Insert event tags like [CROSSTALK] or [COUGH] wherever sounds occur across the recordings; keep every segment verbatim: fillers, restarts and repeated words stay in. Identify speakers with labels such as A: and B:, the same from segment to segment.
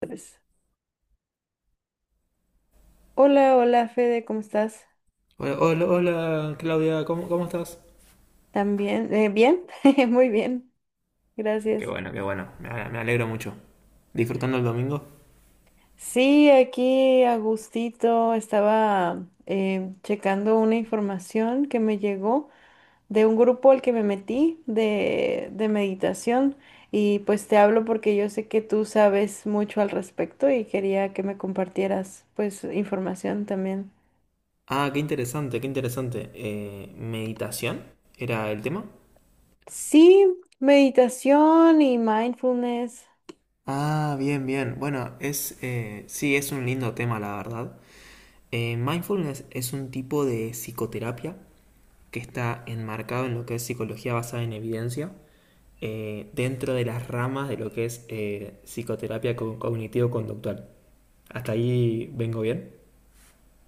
A: Pues, hola, hola Fede, ¿cómo estás?
B: Bueno, hola, hola, Claudia, ¿cómo, cómo estás?
A: ¿También? Eh, ¿bien? [LAUGHS] Muy bien,
B: Qué
A: gracias.
B: bueno, qué bueno, me, ale- me alegro mucho. ¿Disfrutando el domingo?
A: Sí, aquí a gustito estaba, eh, checando una información que me llegó de un grupo al que me metí de, de meditación y pues te hablo porque yo sé que tú sabes mucho al respecto y quería que me compartieras pues información también.
B: Ah, qué interesante, qué interesante. Eh, ¿meditación era el tema?
A: Sí, meditación y mindfulness.
B: Ah, bien, bien. Bueno, es, eh, sí, es un lindo tema, la verdad. Eh, mindfulness es un tipo de psicoterapia que está enmarcado en lo que es psicología basada en evidencia, eh, dentro de las ramas de lo que es eh, psicoterapia co- cognitivo-conductual. ¿Hasta ahí vengo bien?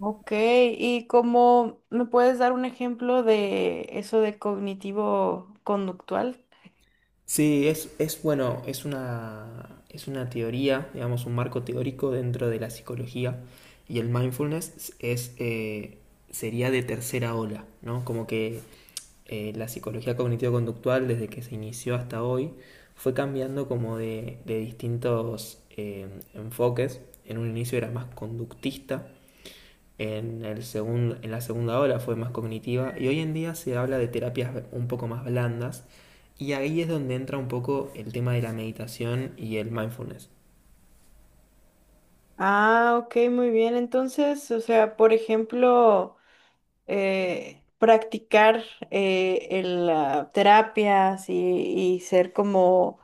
A: Ok, ¿y como me puedes dar un ejemplo de eso de cognitivo conductual?
B: Sí, es, es bueno, es una, es una teoría, digamos, un marco teórico dentro de la psicología y el mindfulness es, eh, sería de tercera ola, ¿no? Como que eh, la psicología cognitivo-conductual desde que se inició hasta hoy fue cambiando como de, de distintos eh, enfoques. En un inicio era más conductista en, el segun- en la segunda ola fue más cognitiva y hoy en día se habla de terapias un poco más blandas y ahí es donde entra un poco el tema de la meditación y el mindfulness.
A: Ah, ok, muy bien. Entonces, o sea, por ejemplo, eh, practicar eh, el, ah, terapias y, y ser como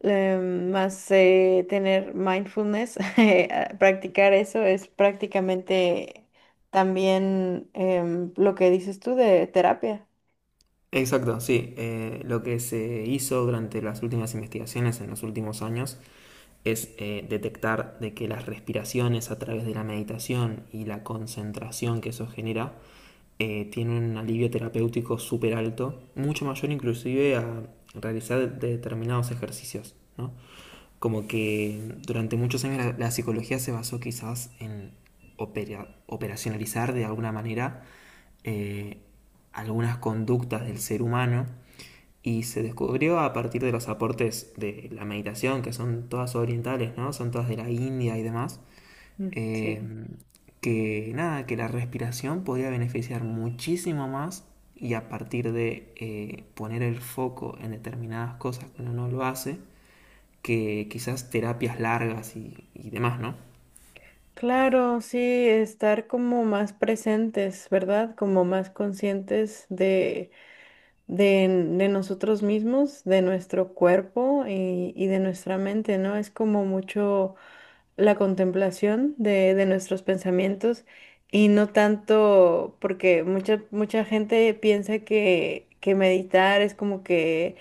A: eh, más eh, tener mindfulness, [LAUGHS] eh, ah, practicar eso es prácticamente también em, lo que dices tú de terapia.
B: Exacto, sí. Eh, lo que se hizo durante las últimas investigaciones en los últimos años es eh, detectar de que las respiraciones a través de la meditación y la concentración que eso genera eh, tiene un alivio terapéutico súper alto, mucho mayor inclusive a realizar determinados ejercicios, ¿no? Como que durante muchos años la, la psicología se basó quizás en opera- operacionalizar de alguna manera eh, algunas conductas del ser humano y se descubrió a partir de los aportes de la meditación, que son todas orientales, ¿no? Son todas de la India y demás,
A: Mm,
B: eh,
A: sí.
B: que nada, que la respiración podría beneficiar muchísimo más y a partir de eh, poner el foco en determinadas cosas que uno no lo hace, que quizás terapias largas y, y demás, ¿no?
A: Claro, sí, estar como más presentes, ¿verdad? Como más conscientes de, de, de nosotros mismos, de nuestro cuerpo y, y de nuestra mente, ¿no? Es como mucho la contemplación de, de nuestros pensamientos, y no tanto, porque mucha, mucha gente piensa que, que meditar es como que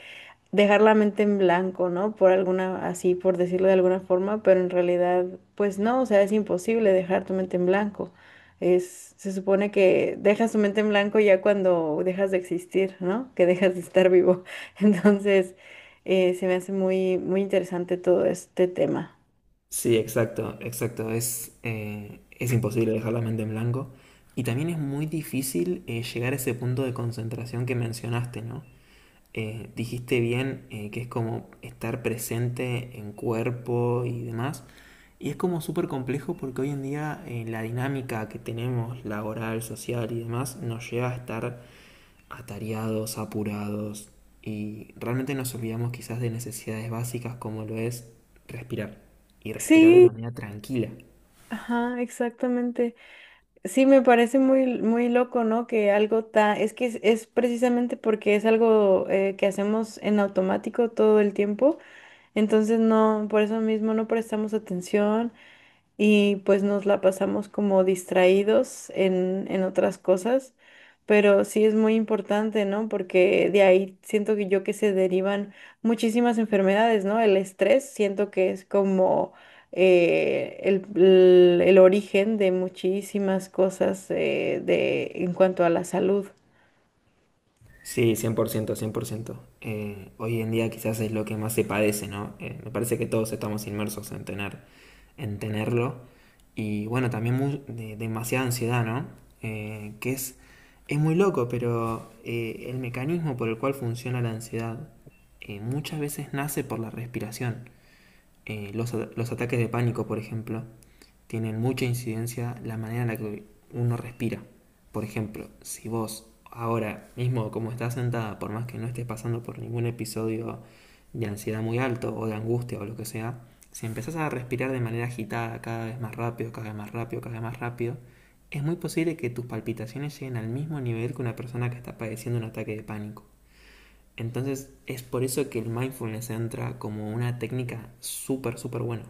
A: dejar la mente en blanco, ¿no? Por alguna, así por decirlo de alguna forma, pero en realidad, pues no, o sea, es imposible dejar tu mente en blanco. Es, se supone que dejas tu mente en blanco ya cuando dejas de existir, ¿no? Que dejas de estar vivo. [LAUGHS] Entonces, eh, se me hace muy, muy interesante todo este tema.
B: Sí, exacto, exacto. Es, eh, es imposible dejar la mente en blanco. Y también es muy difícil eh, llegar a ese punto de concentración que mencionaste, ¿no? Eh, dijiste bien eh, que es como estar presente en cuerpo y demás. Y es como súper complejo porque hoy en día eh, la dinámica que tenemos, laboral, social y demás, nos lleva a estar atareados, apurados y realmente nos olvidamos quizás de necesidades básicas como lo es respirar. Y respirar de
A: Sí,
B: manera tranquila.
A: ajá, exactamente. Sí, me parece muy, muy loco, ¿no? Que algo tan... Es que es, es precisamente porque es algo, eh, que hacemos en automático todo el tiempo. Entonces no, por eso mismo no prestamos atención y pues nos la pasamos como distraídos en, en otras cosas, pero sí es muy importante, ¿no? Porque de ahí siento que yo que se derivan muchísimas enfermedades, ¿no? El estrés siento que es como eh, el, el- el origen de muchísimas cosas eh, de, en cuanto a la salud.
B: Sí, cien por ciento, cien por ciento. Eh, hoy en día quizás es lo que más se padece, ¿no? Eh, me parece que todos estamos inmersos en tener, en tenerlo. Y bueno, también mu- de- demasiada ansiedad, ¿no? Eh, que es, es muy loco, pero eh, el mecanismo por el cual funciona la ansiedad eh, muchas veces nace por la respiración. Eh, los, los ataques de pánico, por ejemplo, tienen mucha incidencia la manera en la que uno respira. Por ejemplo, si vos ahora mismo, como estás sentada, por más que no estés pasando por ningún episodio de ansiedad muy alto o de angustia o lo que sea, si empezás a respirar de manera agitada, cada vez más rápido, cada vez más rápido, cada vez más rápido, es muy posible que tus palpitaciones lleguen al mismo nivel que una persona que está padeciendo un ataque de pánico. Entonces es por eso que el mindfulness entra como una técnica súper, súper buena.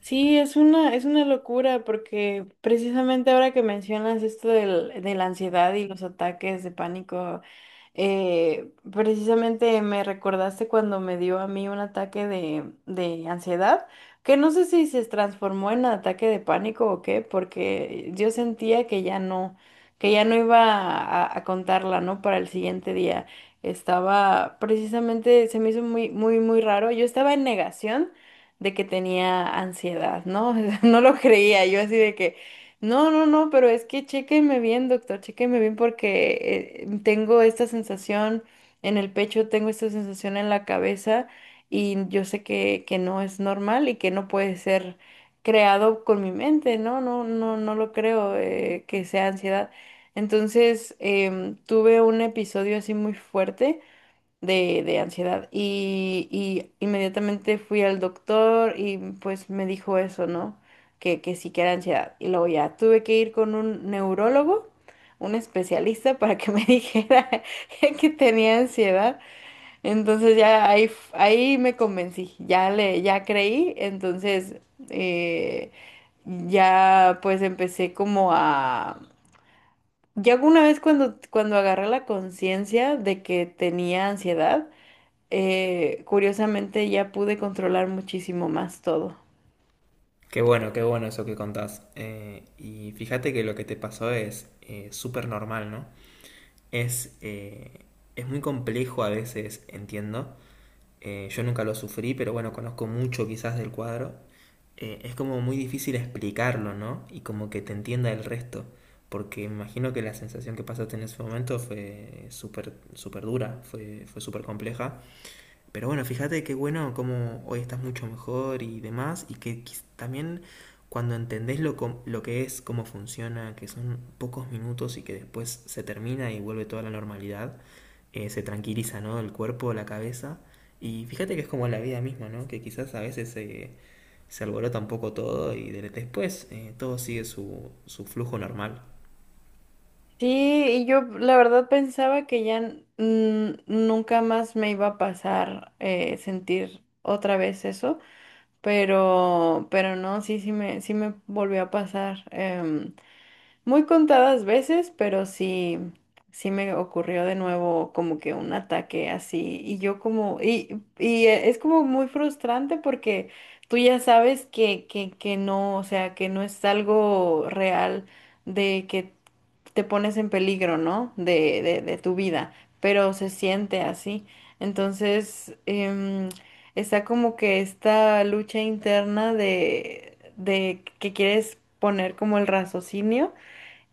A: Sí, es una, es una locura porque precisamente ahora que mencionas esto del- de la ansiedad y los ataques de pánico, eh, precisamente me recordaste cuando me dio a mí un ataque de, de ansiedad, que no sé si se transformó en ataque de pánico o qué, porque yo sentía que ya no, que ya no iba a, a contarla, ¿no? Para el siguiente día. Estaba precisamente, se me hizo muy, muy, muy raro. Yo estaba en negación de que tenía ansiedad, ¿no? [LAUGHS] No lo creía, yo así de que no, no, no, pero es que chéqueme bien, doctor, chéqueme bien porque, eh, tengo esta sensación en el pecho, tengo esta sensación en la cabeza y yo sé que, que no es normal y que no puede ser creado con mi mente, ¿no? No, no, no lo creo eh, que sea ansiedad. Entonces, em, tuve un episodio así muy fuerte de, de ansiedad. Y, y inmediatamente fui al doctor y pues me dijo eso, ¿no? Que, que sí que era ansiedad. Y luego ya tuve que ir con un neurólogo, un especialista, para que me [LAUGHS] dijera que tenía ansiedad. Entonces ya ahí, f- ahí me convencí, ya le, ya creí. Entonces, eh, ya pues empecé como a... Ya alguna vez cuando, cuando agarré la conciencia de que tenía ansiedad, eh, curiosamente ya pude controlar muchísimo más todo.
B: Qué bueno, qué bueno eso que contás. Eh, y fíjate que lo que te pasó es eh, súper normal, ¿no? Es, eh, es muy complejo a veces, entiendo. Eh, yo nunca lo sufrí, pero bueno, conozco mucho quizás del cuadro. Eh, es como muy difícil explicarlo, ¿no? Y como que te entienda el resto. Porque me imagino que la sensación que pasaste en ese momento fue súper, súper dura, fue, fue súper compleja. Pero bueno, fíjate qué bueno cómo hoy estás mucho mejor y demás, y que quiz- también cuando entendés lo, com- lo que es, cómo funciona, que son pocos minutos y que después se termina y vuelve toda la normalidad, eh, se tranquiliza, ¿no? El cuerpo, la cabeza. Y fíjate que es como la vida misma, ¿no? Que quizás a veces eh, se alborota un poco todo y de- después eh, todo sigue su, su flujo normal.
A: Sí, y yo la verdad pensaba que ya n- n- nunca más me iba a pasar, eh, sentir otra vez eso, pero, pero no, sí, sí me, sí me volvió a pasar. em, Muy contadas veces, pero sí, sí me ocurrió de nuevo como que un ataque así. Y yo como, y, y e- es como muy frustrante porque tú ya sabes que, que, que no, o sea, que no es algo real de que te pones en peligro, ¿no? De, de, de tu vida, pero se siente así. Entonces, em, está como que esta lucha interna de, de que quieres poner como el raciocinio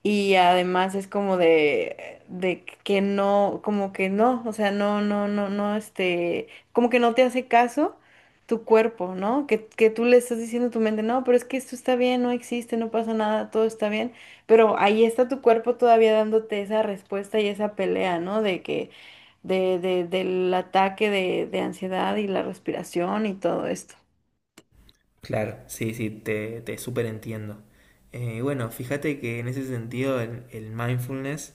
A: y además es como de, de que no, como que no, o sea, no, no, no, no, este, como que no te hace caso tu cuerpo, ¿no? Que, que tú le estás diciendo a tu mente, no, pero es que esto está bien, no existe, no pasa nada, todo está bien, pero ahí está tu cuerpo todavía dándote esa respuesta y esa pelea, ¿no? De que, de, de, del ataque de, de ansiedad y la respiración y todo esto.
B: Claro, sí, sí, te, te súper entiendo. Bueno, fíjate que en ese sentido el, el mindfulness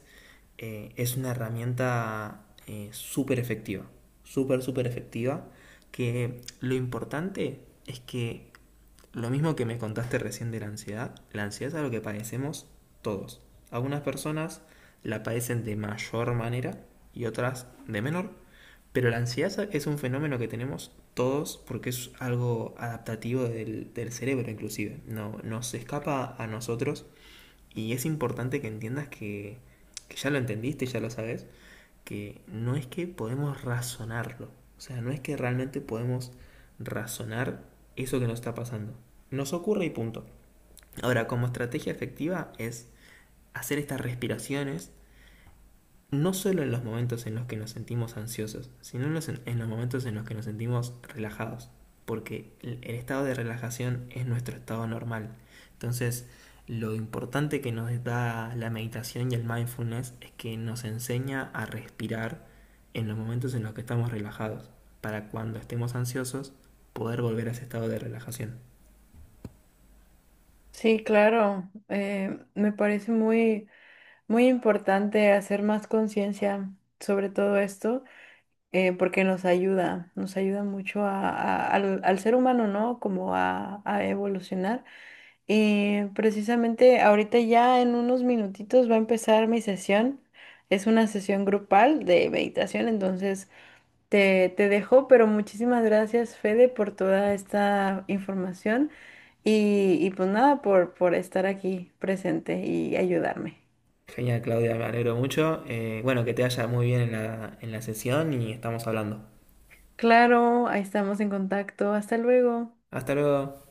B: eh, es una herramienta eh, súper efectiva, súper, súper efectiva, que lo importante es que lo mismo que me contaste recién de la ansiedad, la ansiedad es algo que padecemos todos. Algunas personas la padecen de mayor manera y otras de menor, pero la ansiedad es un fenómeno que tenemos todos porque es algo adaptativo del, del cerebro inclusive. No, nos escapa a nosotros y es importante que entiendas que, que ya lo entendiste, ya lo sabes, que no es que podemos razonarlo. O sea, no es que realmente podemos razonar eso que nos está pasando. Nos ocurre y punto. Ahora, como estrategia efectiva es hacer estas respiraciones no solo en los momentos en los que nos sentimos ansiosos, sino en los, en los momentos en los que nos sentimos relajados, porque el, el estado de relajación es nuestro estado normal. Entonces, lo importante que nos da la meditación y el mindfulness es que nos enseña a respirar en los momentos en los que estamos relajados, para cuando estemos ansiosos poder volver a ese estado de relajación.
A: Sí, claro, eh, me parece muy... Muy importante hacer más conciencia sobre todo esto, eh, porque nos ayuda, nos ayuda mucho a- a- al, al ser humano, ¿no? Como a, a evolucionar. Y precisamente ahorita ya en unos minutitos va a empezar mi sesión. Es una sesión grupal de meditación, entonces te, te dejo, pero muchísimas gracias, Fede, por toda esta información y, y pues nada, por, por estar aquí presente y ayudarme.
B: Genial, Claudia, me alegro mucho. Eh, bueno, que te vaya muy bien en la, en la sesión y estamos hablando.
A: Claro, ahí estamos en contacto. Hasta luego.
B: Hasta luego.